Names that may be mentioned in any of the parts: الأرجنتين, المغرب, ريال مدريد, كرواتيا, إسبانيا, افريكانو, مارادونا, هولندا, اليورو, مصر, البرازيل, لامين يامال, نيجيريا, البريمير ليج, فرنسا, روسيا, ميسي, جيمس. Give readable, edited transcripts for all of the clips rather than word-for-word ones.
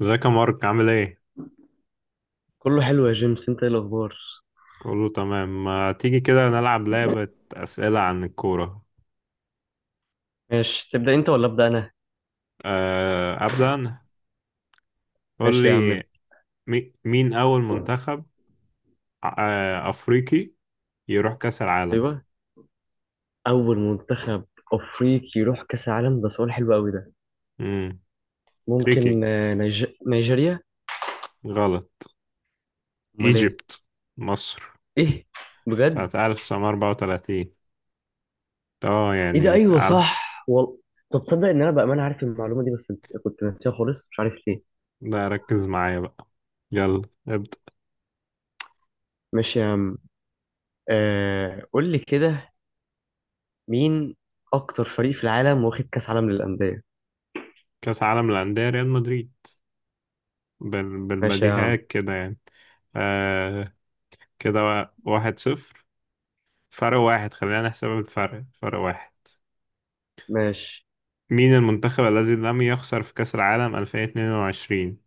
ازيك يا مارك عامل ايه؟ كله حلو يا جيمس. انت ايه الاخبار؟ كله تمام. ما تيجي كده نلعب لعبة أسئلة عن الكورة. ماشي، تبدا انت ولا ابدا انا؟ أه، أبدأ أنا. قول ماشي يا لي. عم. مين أول منتخب أفريقي يروح كأس العالم؟ ايوه. اول منتخب افريقي يروح كاس العالم، ده سؤال حلو قوي ده. مم. تريكي. ممكن نيجيريا. غلط. امال ايه؟ إيجيبت. مصر ايه، بجد؟ سنة 1934. اه ايه ده، يعني ايوه تعال. صح طب تصدق ان انا بامانه عارف المعلومه دي، بس كنت ناسيها خالص، مش عارف ليه. ده ركز معايا بقى، يلا ابدأ. ماشي يا عم. قول لي كده، مين اكتر فريق في العالم واخد كاس عالم للانديه؟ كأس عالم للأندية، ريال مدريد. ماشي يا عم. بالبديهيات كده يعني. أه كده، 1-0، فرق واحد. خلينا نحسب الفرق، فرق واحد. ماشي. مين المنتخب الذي لم يخسر في كأس العالم 2022؟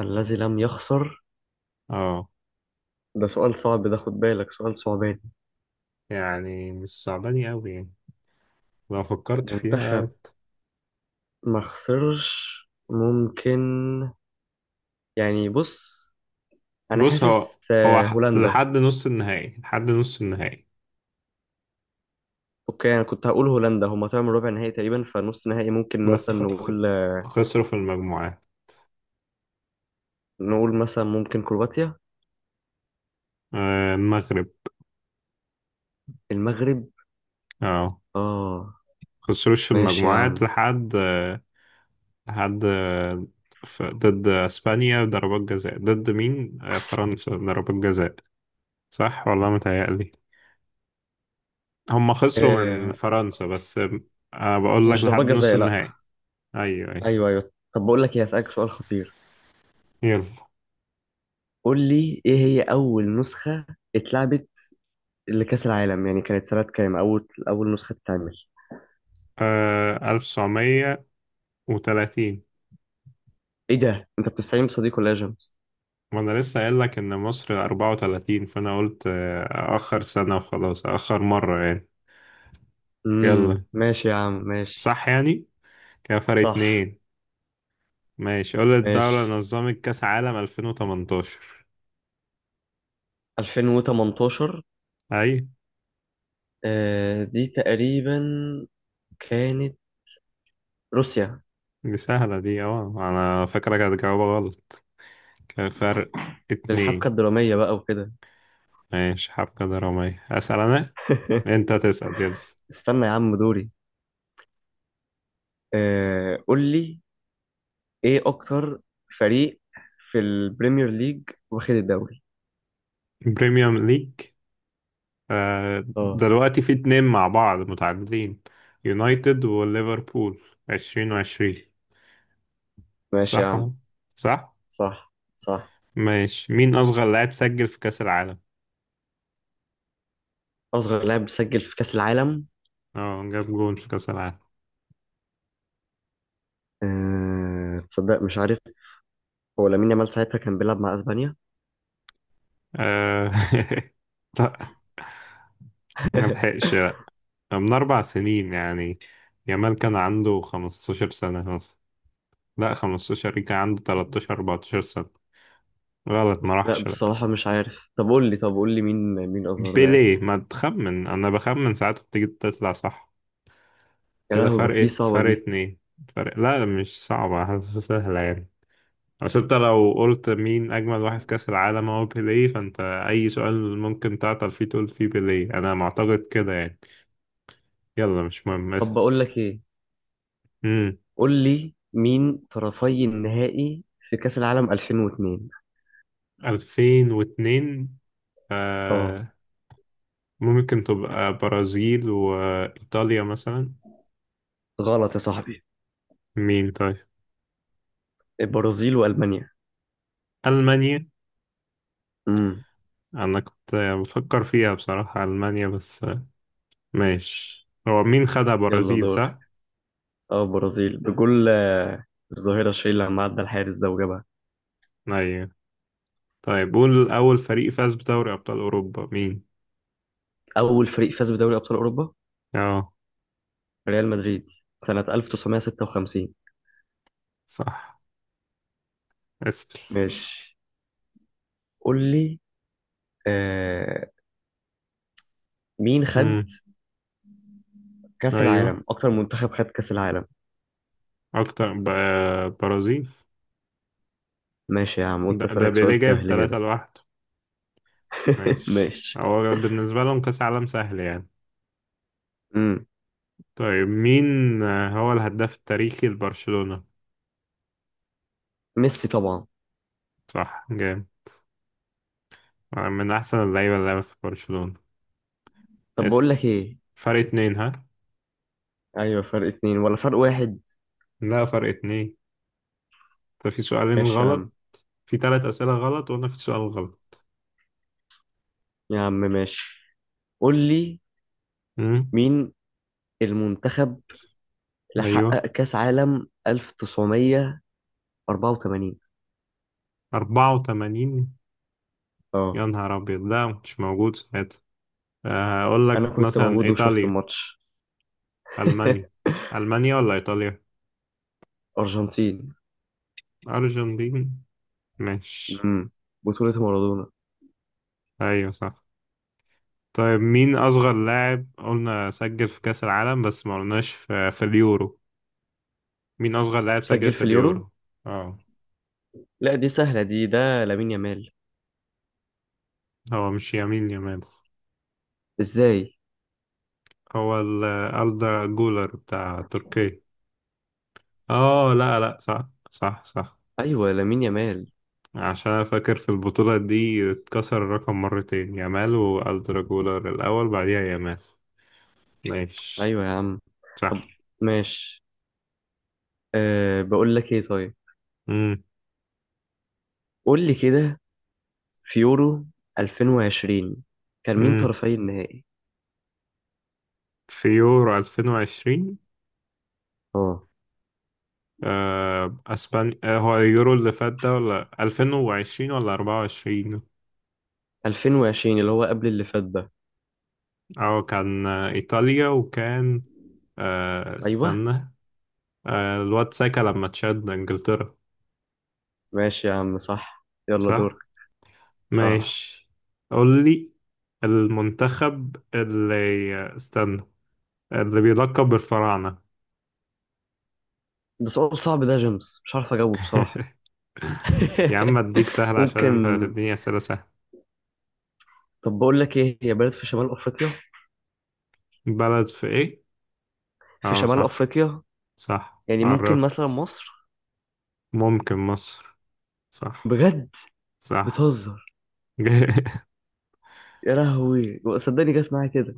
الذي لم يخسر. اه ده سؤال صعب ده، خد بالك سؤال صعب. يعني مش صعباني قوي يعني، لو فكرت فيها. منتخب ما خسرش، ممكن يعني، بص انا بص هو حاسس هو هولندا. لحد نص النهائي، لحد نص النهائي. اوكي انا كنت هقول هولندا، هما طلعوا من ربع نهائي تقريبا، فنص نهائي ممكن بس مثلا خ... خ... نقول، خسروا في المجموعات. نقول مثلا ممكن كرواتيا. آه المغرب. المغرب. اه. اه. خسروش في ماشي يا المجموعات عم. لحد لحد ضد اسبانيا ضربات جزاء، ضد مين فرنسا ضربات جزاء. صح والله، متهيألي هم خسروا من آه. فرنسا بس. أنا بقول لك مش لحد ضربات نص جزاء، النهائي. لا. أيوه أيوه. ايوه، ايوه، طب بقول لك ايه، هسألك سؤال خطير. يلا. قول لي، ايه هي اول نسخة اتلعبت لكأس العالم، يعني كانت سنة كام اول نسخة اتعمل؟ آه 1930. ايه ده، انت بتستعين بصديق ولا يا جيمس؟ وأنا لسه قايل لك إن مصر 34. فأنا قلت أأخر سنة وخلاص، أأخر مرة يعني. يلا، ماشي يا عم، ماشي. صح يعني. كده فرق صح. اتنين. ماشي قول لي الدولة اللي ماشي. نظمت كأس عالم 2018. 2018. أي. دي تقريبا كانت روسيا. دي سهلة دي، أه أنا فاكرك هتجاوبها غلط. كده فرق للحبكة اتنين. الدرامية بقى وكده. ماشي حبكة درامية، أسأل أنا؟ أنت تسأل، يلا. استنى يا عم، دوري. قول لي، ايه اكتر فريق في البريمير ليج واخد الدوري؟ بريميوم ليج. اه. دلوقتي في اتنين مع بعض متعادلين، يونايتد وليفربول، 20-20. ماشي يا صح اهو، عم. صح. صح، صح. ماشي. مين أصغر لاعب سجل في كأس العالم، اصغر لاعب سجل في كأس العالم؟ اه جاب جول في كأس العالم؟ تصدق مش عارف. هو لامين يامال ساعتها كان بيلعب مع اسبانيا. آه، لا، ما لحقش، لا. من 4 سنين يعني، يامال كان عنده 15 سنة مثلا. لا، خمستاشر. كان عنده تلاتاشر أربعتاشر سنة. غلط، ما لا راحش، لا. بصراحة مش عارف. طب قول لي مين، مين أظهر لاعب؟ بيليه. ما تخمن، أنا بخمن ساعات بتيجي تطلع صح. يا كده لهوي، بس دي صعبة فرق دي. اتنين. فرق لا مش صعبة، حاسسها سهلة يعني. بس انت لو قلت مين أجمل واحد في كأس العالم، هو بيليه. فانت أي سؤال ممكن تعطل فيه، تقول فيه بيليه. أنا معتقد كده يعني. يلا مش مهم، طب اسأل. بقول لك إيه، امم قول لي مين طرفي النهائي في كأس العالم 2002؟ 2002. اه. آه ممكن تبقى برازيل وإيطاليا مثلا. غلط يا صاحبي. مين طيب؟ البرازيل وألمانيا. ألمانيا. امم أنا كنت بفكر فيها بصراحة ألمانيا بس ماشي. هو مين خدها، يلا برازيل دور. صح؟ اه، البرازيل بجول الظاهرة شيل لما عدى الحارس ده وجابها. أيوة. طيب قول أول فريق فاز بدوري أبطال أوروبا مين؟ أول فريق فاز بدوري أبطال أوروبا اه، ريال مدريد سنة 1956. صح. اسأل. ماشي. قول لي آه مين خد امم كأس أيوه. العالم، أكتر منتخب خد كأس العالم؟ أكتر برازيل. ماشي يا عم، قلت ده اسالك بيليه سؤال جايب سهل تلاتة كده. لوحده. ماشي، ماشي. هو بالنسبة لهم كأس عالم سهل يعني. امم طيب مين هو الهداف التاريخي لبرشلونة؟ ميسي طبعا. صح، جامد. من أحسن اللعيبة اللي لعبت في برشلونة. طب بقول اسأل. لك ايه. فرق اتنين ها؟ ايوه، فرق اتنين ولا فرق واحد؟ لا فرق اتنين. ده في سؤالين ماشي يا عم. غلط، في تلات أسئلة غلط وأنا في سؤال غلط. يا عم ماشي، قول لي امم مين المنتخب اللي أيوه. حقق كاس عالم 1984؟ 84. اه. يا نهار أبيض، ده مش موجود ساعتها. هقول انا لك كنت مثلا موجود وشفت إيطاليا. الماتش. ألمانيا. ألمانيا ولا إيطاليا. ارجنتين. أرجنتين. ماشي. امم بطولة مارادونا. أيوة صح. طيب مين أصغر لاعب قلنا سجل في كأس العالم بس ما قلناش في اليورو. مين أصغر لاعب سجل سجل في في اليورو؟ اليورو؟ اه. لا دي سهلة دي، ده لامين يامال. هو مش يمين يمال. ازاي؟ هو ال- أردا جولر بتاع تركيا. اه لا لا، صح صح صح. ايوه لامين يامال. عشان أنا فاكر في البطولة دي اتكسر الرقم مرتين، يامال والدر جولر الأول بعديها يامال. ماشي. ايوه يا عم. طب صح. ماشي. بقول لك ايه، طيب مم. قول لي كده، في يورو 2020 كان مين مم. طرفي النهائي؟ في يورو 2020؟ اه، آه أسبانيا. آه هو اليورو اللي فات ده ولا 2020 ولا 24؟ 2020 اللي هو قبل اللي فات ده. أو كان إيطاليا. وكان ايوه. استنى. آه الواد ساكا لما تشد إنجلترا. ماشي يا عم، صح، يلا دورك. صح صح. ماشي. قول لي المنتخب اللي استنى، اللي بيلقب بالفراعنة. ده سؤال صعب ده يا جيمس، مش عارف اجاوبه بصراحة. يا عم اديك سهل عشان ممكن. انت هتديني اسئلة سهلة. طب بقول لك ايه، هي بلد في شمال افريقيا، بلد في ايه؟ في اه شمال صح، افريقيا، صح يعني ممكن مثلا قربت. مصر. ممكن مصر. صح. بجد. صح. بتهزر. يا لهوي صدقني جت معايا كده.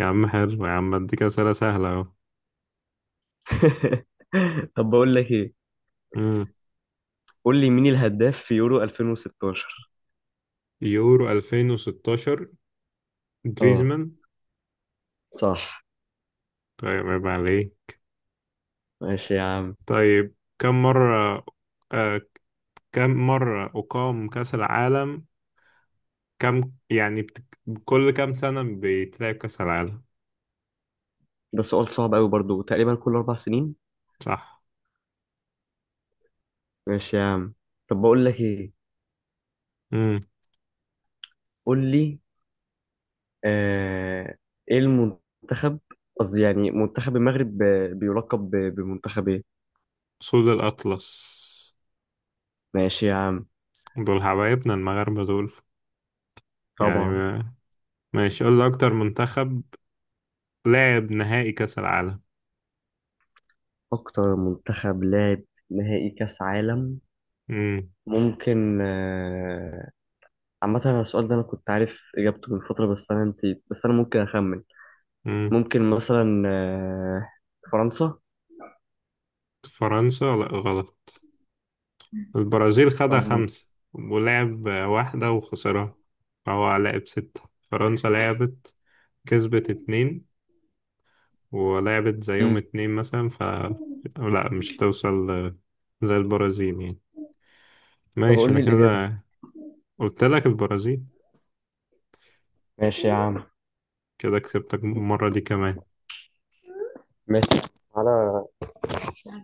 يا عم حلو، يا عم اديك اسئلة سهلة اهو. طب بقول لك ايه، مم. قول لي مين الهداف في يورو 2016؟ يورو 2016. اه. جريزمان. صح. طيب عيب عليه. ماشي يا عم. طيب كم مرة آه كم مرة أقام كأس العالم، كم يعني كل كم سنة بيتلعب كأس العالم. ده سؤال صعب قوي برضو، تقريبا كل 4 سنين. صح. ماشي يا عم. طب بقول لك ايه، قول لي آه ايه المنتخب، قصدي يعني منتخب المغرب بيلقب بمنتخب ايه؟ سود الأطلس. ماشي يا عم. دول حبايبنا المغاربة دول، يعني طبعا. ماشي. قول لي أكتر منتخب لعب نهائي كأس العالم. اكتر منتخب لعب نهائي كاس عالم؟ مم. ممكن عامة أنا السؤال ده أنا كنت عارف إجابته من فترة، بس أنا نسيت، بس أنا ممكن أخمن. مم. ممكن مثلا فرنسا. فرنسا لا غلط. البرازيل خدها طب. خمسة ولعب واحدة وخسرها، فهو لعب ستة. فرنسا لعبت، كسبت اتنين، ولعبت زيهم مم. اتنين مثلا، ف لا مش توصل زي البرازيل يعني. طب ماشي قول أنا لي الإجابة. كده. قلت لك البرازيل. ماشي يا عم. كده كسبتك المرة دي كمان. ماشي. تعالى،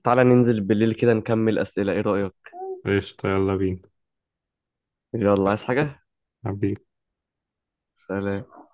تعالى ننزل بالليل كده نكمل أسئلة، إيه رأيك؟ قشطة، يلا بينا. يلا، عايز حاجة؟ حبيبي. سلام.